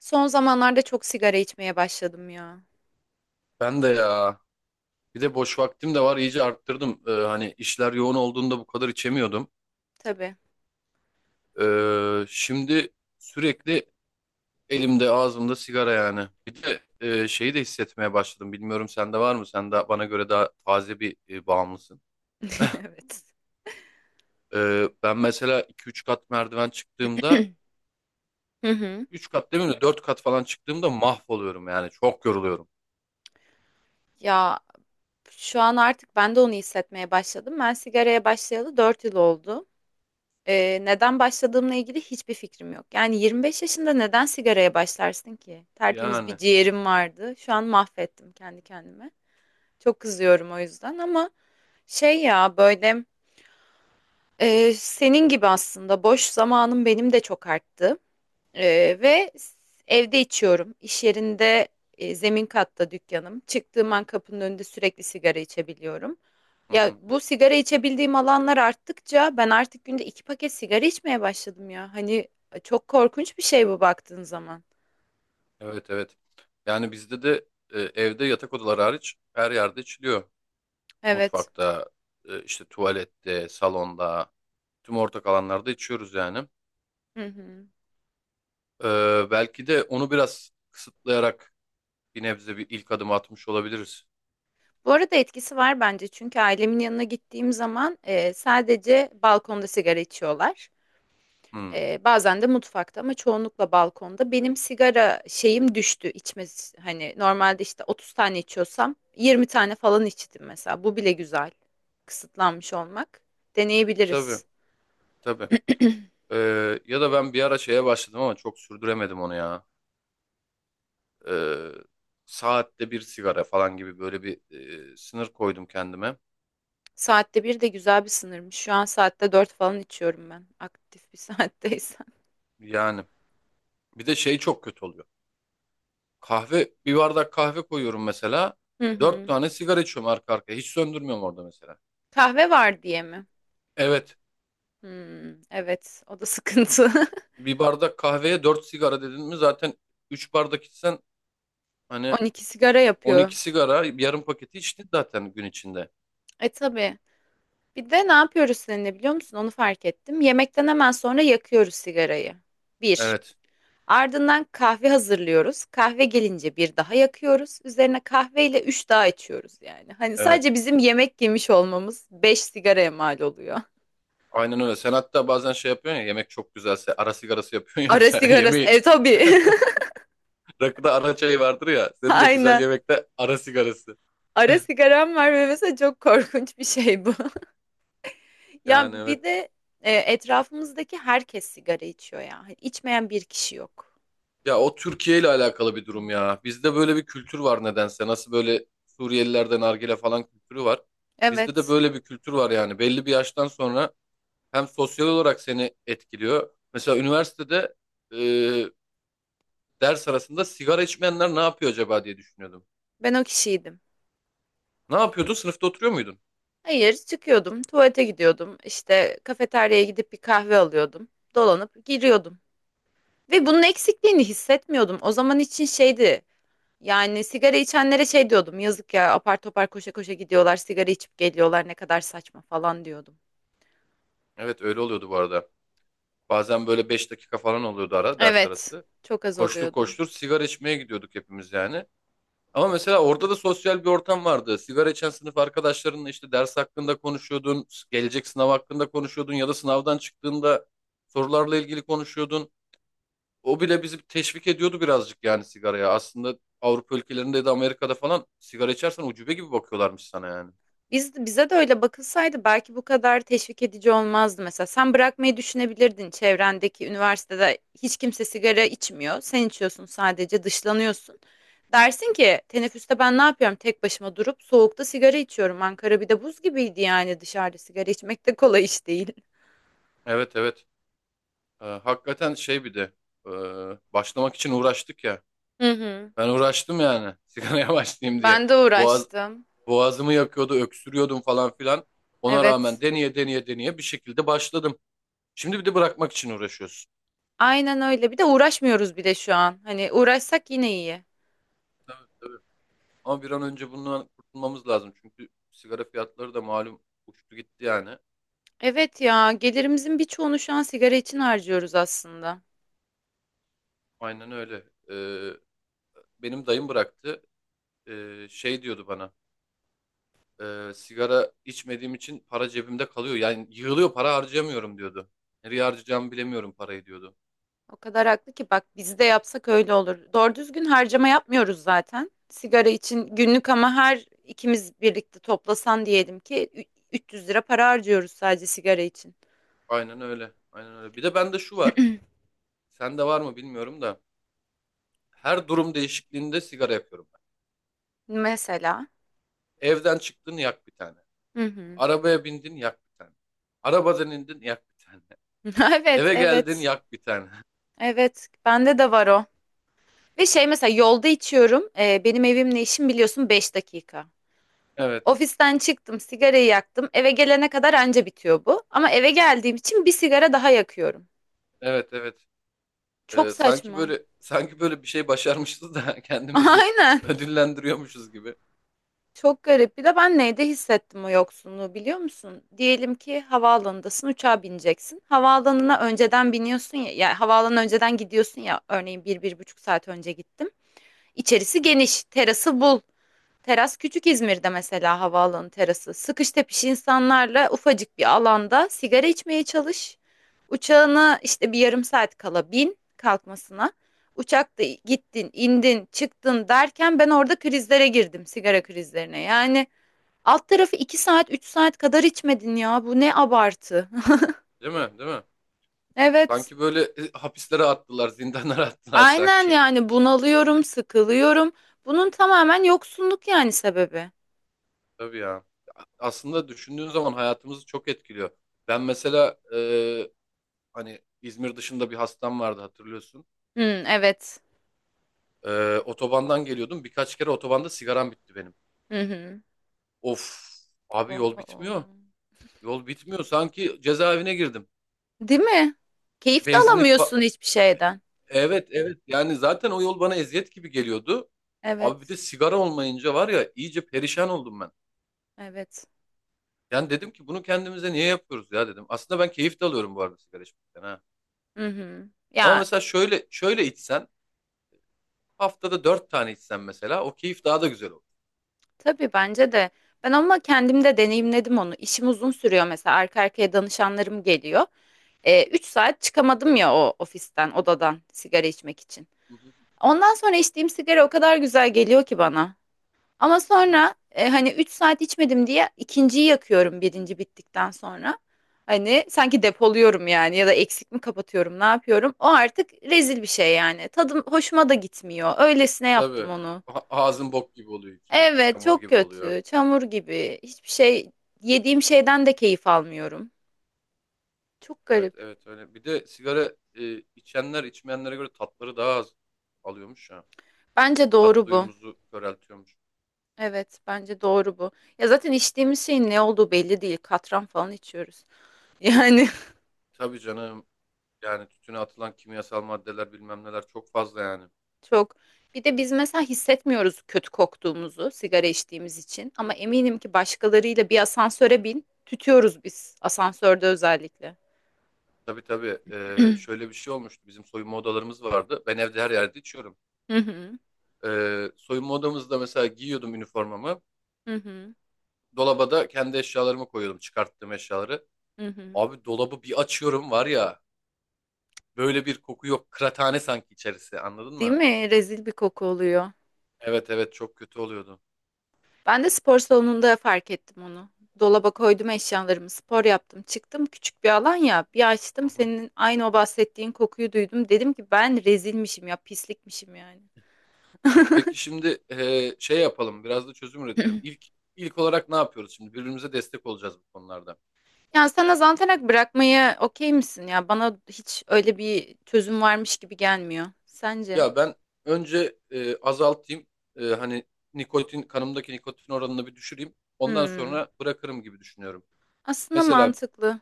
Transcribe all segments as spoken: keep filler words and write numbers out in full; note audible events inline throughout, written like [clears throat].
Son zamanlarda çok sigara içmeye başladım ya. Ben de ya. Bir de boş vaktim de var. İyice arttırdım. Ee, hani işler yoğun olduğunda bu kadar içemiyordum. Tabii. Ee, şimdi sürekli elimde ağzımda sigara yani. Bir de e, şeyi de hissetmeye başladım. Bilmiyorum sende var mı? Sen de bana göre daha taze bir e, bağımlısın. [laughs] Evet. Ee, ben mesela iki üç kat merdiven çıktığımda Hı hı. üç kat değil mi? Dört kat falan çıktığımda mahvoluyorum yani. Çok yoruluyorum. Ya şu an artık ben de onu hissetmeye başladım. Ben sigaraya başlayalı dört yıl oldu. Ee, neden başladığımla ilgili hiçbir fikrim yok. Yani yirmi beş yaşında neden sigaraya başlarsın ki? Tertemiz bir Yani. ciğerim vardı. Şu an mahvettim kendi kendime. Çok kızıyorum o yüzden, ama şey ya böyle e, senin gibi aslında boş zamanım benim de çok arttı. Ee, ve s- evde içiyorum. İş yerinde e, zemin katta dükkanım. Çıktığım an kapının önünde sürekli sigara içebiliyorum. Hı Ya, hı. bu sigara içebildiğim alanlar arttıkça ben artık günde iki paket sigara içmeye başladım ya. Hani e, çok korkunç bir şey bu baktığın zaman. Evet, evet. Yani bizde de e, evde yatak odaları hariç her yerde içiliyor. Evet. Mutfakta, e, işte tuvalette, salonda, tüm ortak alanlarda içiyoruz yani. Hı hı. Ee, belki de onu biraz kısıtlayarak bir nebze bir ilk adım atmış olabiliriz. Bu arada etkisi var bence, çünkü ailemin yanına gittiğim zaman e, sadece balkonda sigara içiyorlar. Hmm. Ee, bazen de mutfakta, ama çoğunlukla balkonda. Benim sigara şeyim düştü, içme. Hani normalde işte otuz tane içiyorsam yirmi tane falan içtim mesela. Bu bile güzel. Kısıtlanmış olmak. Tabii, Deneyebiliriz. tabii. Ee, ya da ben bir ara şeye başladım ama çok sürdüremedim onu ya. Ee, Saatte bir sigara falan gibi böyle bir e, sınır koydum kendime. Saatte bir de güzel bir sınırmış. Şu an saatte dört falan içiyorum ben. Aktif bir [laughs] saatteysen. Yani bir de şey çok kötü oluyor. Kahve, bir bardak kahve koyuyorum mesela. Hı Dört hı. tane sigara içiyorum arka arkaya. Hiç söndürmüyorum orada mesela. Kahve var diye mi? Evet. Hmm, evet, o da sıkıntı. Bir bardak kahveye dört sigara dedin mi zaten üç bardak içsen [laughs] hani on iki sigara on yapıyor. iki sigara yarım paketi içtin zaten gün içinde. E tabii. Bir de ne yapıyoruz seninle biliyor musun? Onu fark ettim. Yemekten hemen sonra yakıyoruz sigarayı. Bir. Evet, Ardından kahve hazırlıyoruz. Kahve gelince bir daha yakıyoruz. Üzerine kahveyle üç daha içiyoruz yani. Hani evet. sadece bizim yemek yemiş olmamız beş sigaraya mal oluyor. Aynen öyle. Sen hatta bazen şey yapıyorsun ya yemek çok güzelse ara sigarası yapıyorsun ya bir Ara tane [laughs] sigarası. yemeği. E tabii. [laughs] [laughs] Rakıda ara çayı vardır ya. Senin de güzel Aynen. yemekte ara sigarası. Ara sigaram var ve mesela çok korkunç bir şey bu. [laughs] Ya Yani evet. bir de e, etrafımızdaki herkes sigara içiyor ya. Hani içmeyen bir kişi yok. Ya o Türkiye ile alakalı bir durum ya. Bizde böyle bir kültür var nedense. Nasıl böyle Suriyelilerde nargile falan kültürü var. Bizde de Evet. böyle bir kültür var yani. Belli bir yaştan sonra hem sosyal olarak seni etkiliyor. Mesela üniversitede e, ders arasında sigara içmeyenler ne yapıyor acaba diye düşünüyordum. Ben o kişiydim. Ne yapıyordu? Sınıfta oturuyor muydun? Hayır, çıkıyordum, tuvalete gidiyordum, işte kafeteryaya gidip bir kahve alıyordum, dolanıp giriyordum. Ve bunun eksikliğini hissetmiyordum. O zaman için şeydi, yani sigara içenlere şey diyordum, yazık ya, apar topar koşa koşa gidiyorlar, sigara içip geliyorlar, ne kadar saçma falan diyordum. Evet, öyle oluyordu bu arada. Bazen böyle beş dakika falan oluyordu ara ders Evet, arası. çok az Koştur oluyordu. koştur sigara içmeye gidiyorduk hepimiz yani. Ama mesela orada da sosyal bir ortam vardı. Sigara içen sınıf arkadaşlarınla işte ders hakkında konuşuyordun, gelecek sınav hakkında konuşuyordun ya da sınavdan çıktığında sorularla ilgili konuşuyordun. O bile bizi teşvik ediyordu birazcık yani sigaraya. Aslında Avrupa ülkelerinde de Amerika'da falan sigara içersen ucube gibi bakıyorlarmış sana yani. Biz, bize de öyle bakılsaydı belki bu kadar teşvik edici olmazdı mesela. Sen bırakmayı düşünebilirdin, çevrendeki üniversitede hiç kimse sigara içmiyor. Sen içiyorsun, sadece dışlanıyorsun. Dersin ki teneffüste ben ne yapıyorum, tek başıma durup soğukta sigara içiyorum. Ankara bir de buz gibiydi, yani dışarıda sigara içmek de kolay iş değil. Evet, evet. Ee, hakikaten şey bir de e, başlamak için uğraştık ya. Hı hı. Ben uğraştım yani [laughs] sigaraya başlayayım diye. Ben de Boğaz, uğraştım. boğazımı yakıyordu, öksürüyordum falan filan. Ona rağmen Evet. deneye deneye deneye bir şekilde başladım. Şimdi bir de bırakmak için uğraşıyorsun. Aynen öyle. Bir de uğraşmıyoruz bile şu an. Hani uğraşsak yine iyi. Tabii. Ama bir an önce bundan kurtulmamız lazım. Çünkü sigara fiyatları da malum uçtu gitti yani. Evet ya, gelirimizin birçoğunu şu an sigara için harcıyoruz aslında. Aynen öyle. Ee, Benim dayım bıraktı. Ee, şey diyordu bana. E, sigara içmediğim için para cebimde kalıyor. Yani yığılıyor para harcayamıyorum diyordu. Nereye harcayacağımı bilemiyorum parayı diyordu. O kadar haklı ki, bak biz de yapsak öyle olur. Doğru düzgün harcama yapmıyoruz zaten. Sigara için günlük, ama her ikimiz birlikte toplasan diyelim ki ü- üç yüz lira para harcıyoruz sadece sigara için. Aynen öyle. Aynen öyle. Bir de bende şu var. Sende var mı bilmiyorum da. Her durum değişikliğinde sigara yapıyorum ben. Mesela. Evden çıktın yak bir tane. Hı hı. Arabaya bindin yak bir tane. Arabadan indin yak bir tane. [laughs] Evet, Eve geldin evet. yak bir tane. [laughs] Evet, bende de var o. Ve şey, mesela yolda içiyorum. Ee, benim evimle işim biliyorsun beş dakika. Evet. Ofisten çıktım, sigarayı yaktım. Eve gelene kadar anca bitiyor bu. Ama eve geldiğim için bir sigara daha yakıyorum. Evet, evet. Çok Ee, sanki saçma. Böyle sanki böyle bir şey başarmışız da [laughs] [laughs] kendimizi Aynen. ödüllendiriyormuşuz gibi. Çok garip. Bir de ben neyde hissettim o yoksunluğu biliyor musun? Diyelim ki havaalanındasın, uçağa bineceksin. Havaalanına önceden biniyorsun ya, yani havaalanına önceden gidiyorsun ya, örneğin bir, bir buçuk saat önce gittim. İçerisi geniş, terası bul. Teras küçük İzmir'de, mesela havaalanı terası. Sıkış tepiş insanlarla ufacık bir alanda sigara içmeye çalış. Uçağına işte bir yarım saat kala, bin kalkmasına. Uçakta gittin, indin, çıktın derken ben orada krizlere girdim, sigara krizlerine. Yani alt tarafı iki saat, üç saat kadar içmedin ya. Bu ne abartı. [laughs] Değil mi? Değil mi? Evet. Sanki böyle e, hapislere attılar, zindanlara [laughs] attılar Aynen, sanki. yani bunalıyorum, sıkılıyorum. Bunun tamamen yoksunluk yani sebebi. Tabii ya. Aslında düşündüğün zaman hayatımızı çok etkiliyor. Ben mesela e, hani İzmir dışında bir hastam vardı hatırlıyorsun. Hmm, evet. E, otobandan geliyordum. Birkaç kere otobanda sigaram bitti benim. Hı hı. Of, abi yol Oo. bitmiyor. Yol bitmiyor. Sanki cezaevine girdim. Değil mi? Keyif de Benzinlik fa- alamıyorsun hiçbir şeyden. Evet, evet, yani zaten o yol bana eziyet gibi geliyordu. Abi bir de Evet, sigara olmayınca var ya iyice perişan oldum ben. evet. Yani dedim ki bunu kendimize niye yapıyoruz ya dedim. Aslında ben keyif de alıyorum bu arada sigara içmekten ha. Hı hı. Ama Ya, mesela şöyle şöyle içsen haftada dört tane içsen mesela o keyif daha da güzel olur. tabii bence de. Ben ama kendim de deneyimledim onu. İşim uzun sürüyor mesela. Arka arkaya danışanlarım geliyor. E, üç saat çıkamadım ya o ofisten, odadan sigara içmek için. Hı hı. Ondan sonra içtiğim sigara o kadar güzel geliyor ki bana. Ama Değil mi? sonra e, hani üç saat içmedim diye ikinciyi yakıyorum birinci bittikten sonra. Hani sanki depoluyorum yani, ya da eksik mi kapatıyorum, ne yapıyorum? O artık rezil bir şey yani. Tadım hoşuma da gitmiyor. Öylesine yaptım Tabii. onu. A- ağzın bok gibi oluyor içi. Evet, Çamur çok gibi oluyor. kötü. Çamur gibi. Hiçbir şey, yediğim şeyden de keyif almıyorum. Çok Evet, garip. evet, öyle. Bir de sigara e, içenler içmeyenlere göre tatları daha az alıyormuş ya. Bence Tat doğru bu. duyumuzu köreltiyormuş. Evet, bence doğru bu. Ya zaten içtiğimiz şeyin ne olduğu belli değil. Katran falan içiyoruz. [laughs] Yani. Tabii canım. Yani tütüne atılan kimyasal maddeler bilmem neler çok fazla yani. Çok. Bir de biz mesela hissetmiyoruz kötü koktuğumuzu sigara içtiğimiz için, ama eminim ki başkalarıyla bir asansöre bin, tütüyoruz biz asansörde özellikle. Tabii, tabii. Ee, [clears throat] şöyle bir şey olmuştu. Bizim soyunma odalarımız vardı. Ben evde her yerde içiyorum. Hı hı, Ee, soyunma odamızda mesela giyiyordum üniformamı. hı hı, Dolaba da kendi eşyalarımı koyuyordum. Çıkarttığım eşyaları. hı hı. Abi dolabı bir açıyorum var ya. Böyle bir koku yok. Kıraathane sanki içerisi. Anladın Değil mı? mi? Rezil bir koku oluyor. Evet, evet, çok kötü oluyordu. Ben de spor salonunda fark ettim onu. Dolaba koydum eşyalarımı, spor yaptım, çıktım. Küçük bir alan ya. Bir Hı açtım, hı. senin aynı o bahsettiğin kokuyu duydum. Dedim ki ben rezilmişim ya, pislikmişim yani. Peki şimdi e, şey yapalım. Biraz da çözüm üretelim. [clears throat] İlk ilk olarak ne yapıyoruz şimdi? Birbirimize destek olacağız bu konularda. Yani sana zantarak bırakmaya okey misin ya? Bana hiç öyle bir çözüm varmış gibi gelmiyor. Sence? Ya ben önce e, azaltayım. E, hani nikotin kanımdaki nikotin oranını bir düşüreyim. Ondan Hmm. sonra bırakırım gibi düşünüyorum. Aslında Mesela mantıklı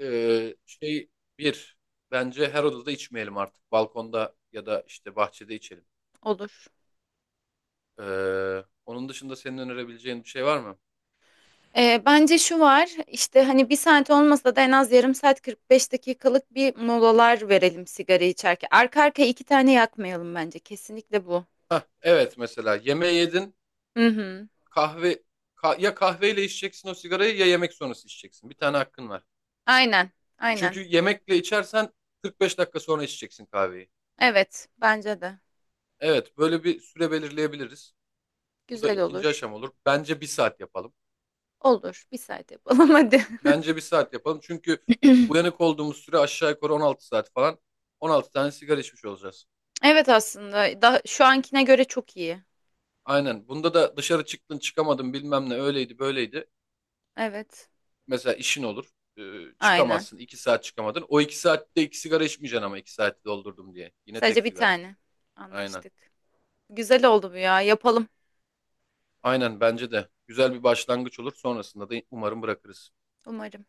e, şey bir bence her odada içmeyelim artık. Balkonda ya da işte bahçede içelim. olur. E, Onun dışında senin önerebileceğin bir şey var mı? Ee, bence şu var işte, hani bir saat olmasa da en az yarım saat, kırk beş dakikalık bir molalar verelim sigara içerken. Arka arkaya iki tane yakmayalım bence. Kesinlikle bu. Hah, evet, mesela yemeği yedin Hı hı. kahve ka- ya kahveyle içeceksin o sigarayı ya yemek sonrası içeceksin. Bir tane hakkın var. Aynen. Aynen. Çünkü yemekle içersen kırk beş dakika sonra içeceksin kahveyi. Evet. Bence de. Evet, böyle bir süre belirleyebiliriz. Bu da Güzel ikinci olur. aşama olur. Bence bir saat yapalım. Olur. Bir saat yapalım [laughs] hadi. Bence bir saat yapalım. Çünkü [clears throat] uyanık olduğumuz süre aşağı yukarı on altı saat falan. on altı tane sigara içmiş olacağız. Evet, aslında da şu ankine göre çok iyi. Aynen. Bunda da dışarı çıktın çıkamadın bilmem ne öyleydi böyleydi. Evet. Mesela işin olur. Ee, Aynen. çıkamazsın. iki saat çıkamadın. O iki saatte iki sigara içmeyeceksin ama iki saati doldurdum diye. Yine tek Sadece bir sigara. tane. Aynen. Anlaştık. Güzel oldu bu ya. Yapalım. Aynen bence de. Güzel bir başlangıç olur. Sonrasında da umarım bırakırız. Umarım.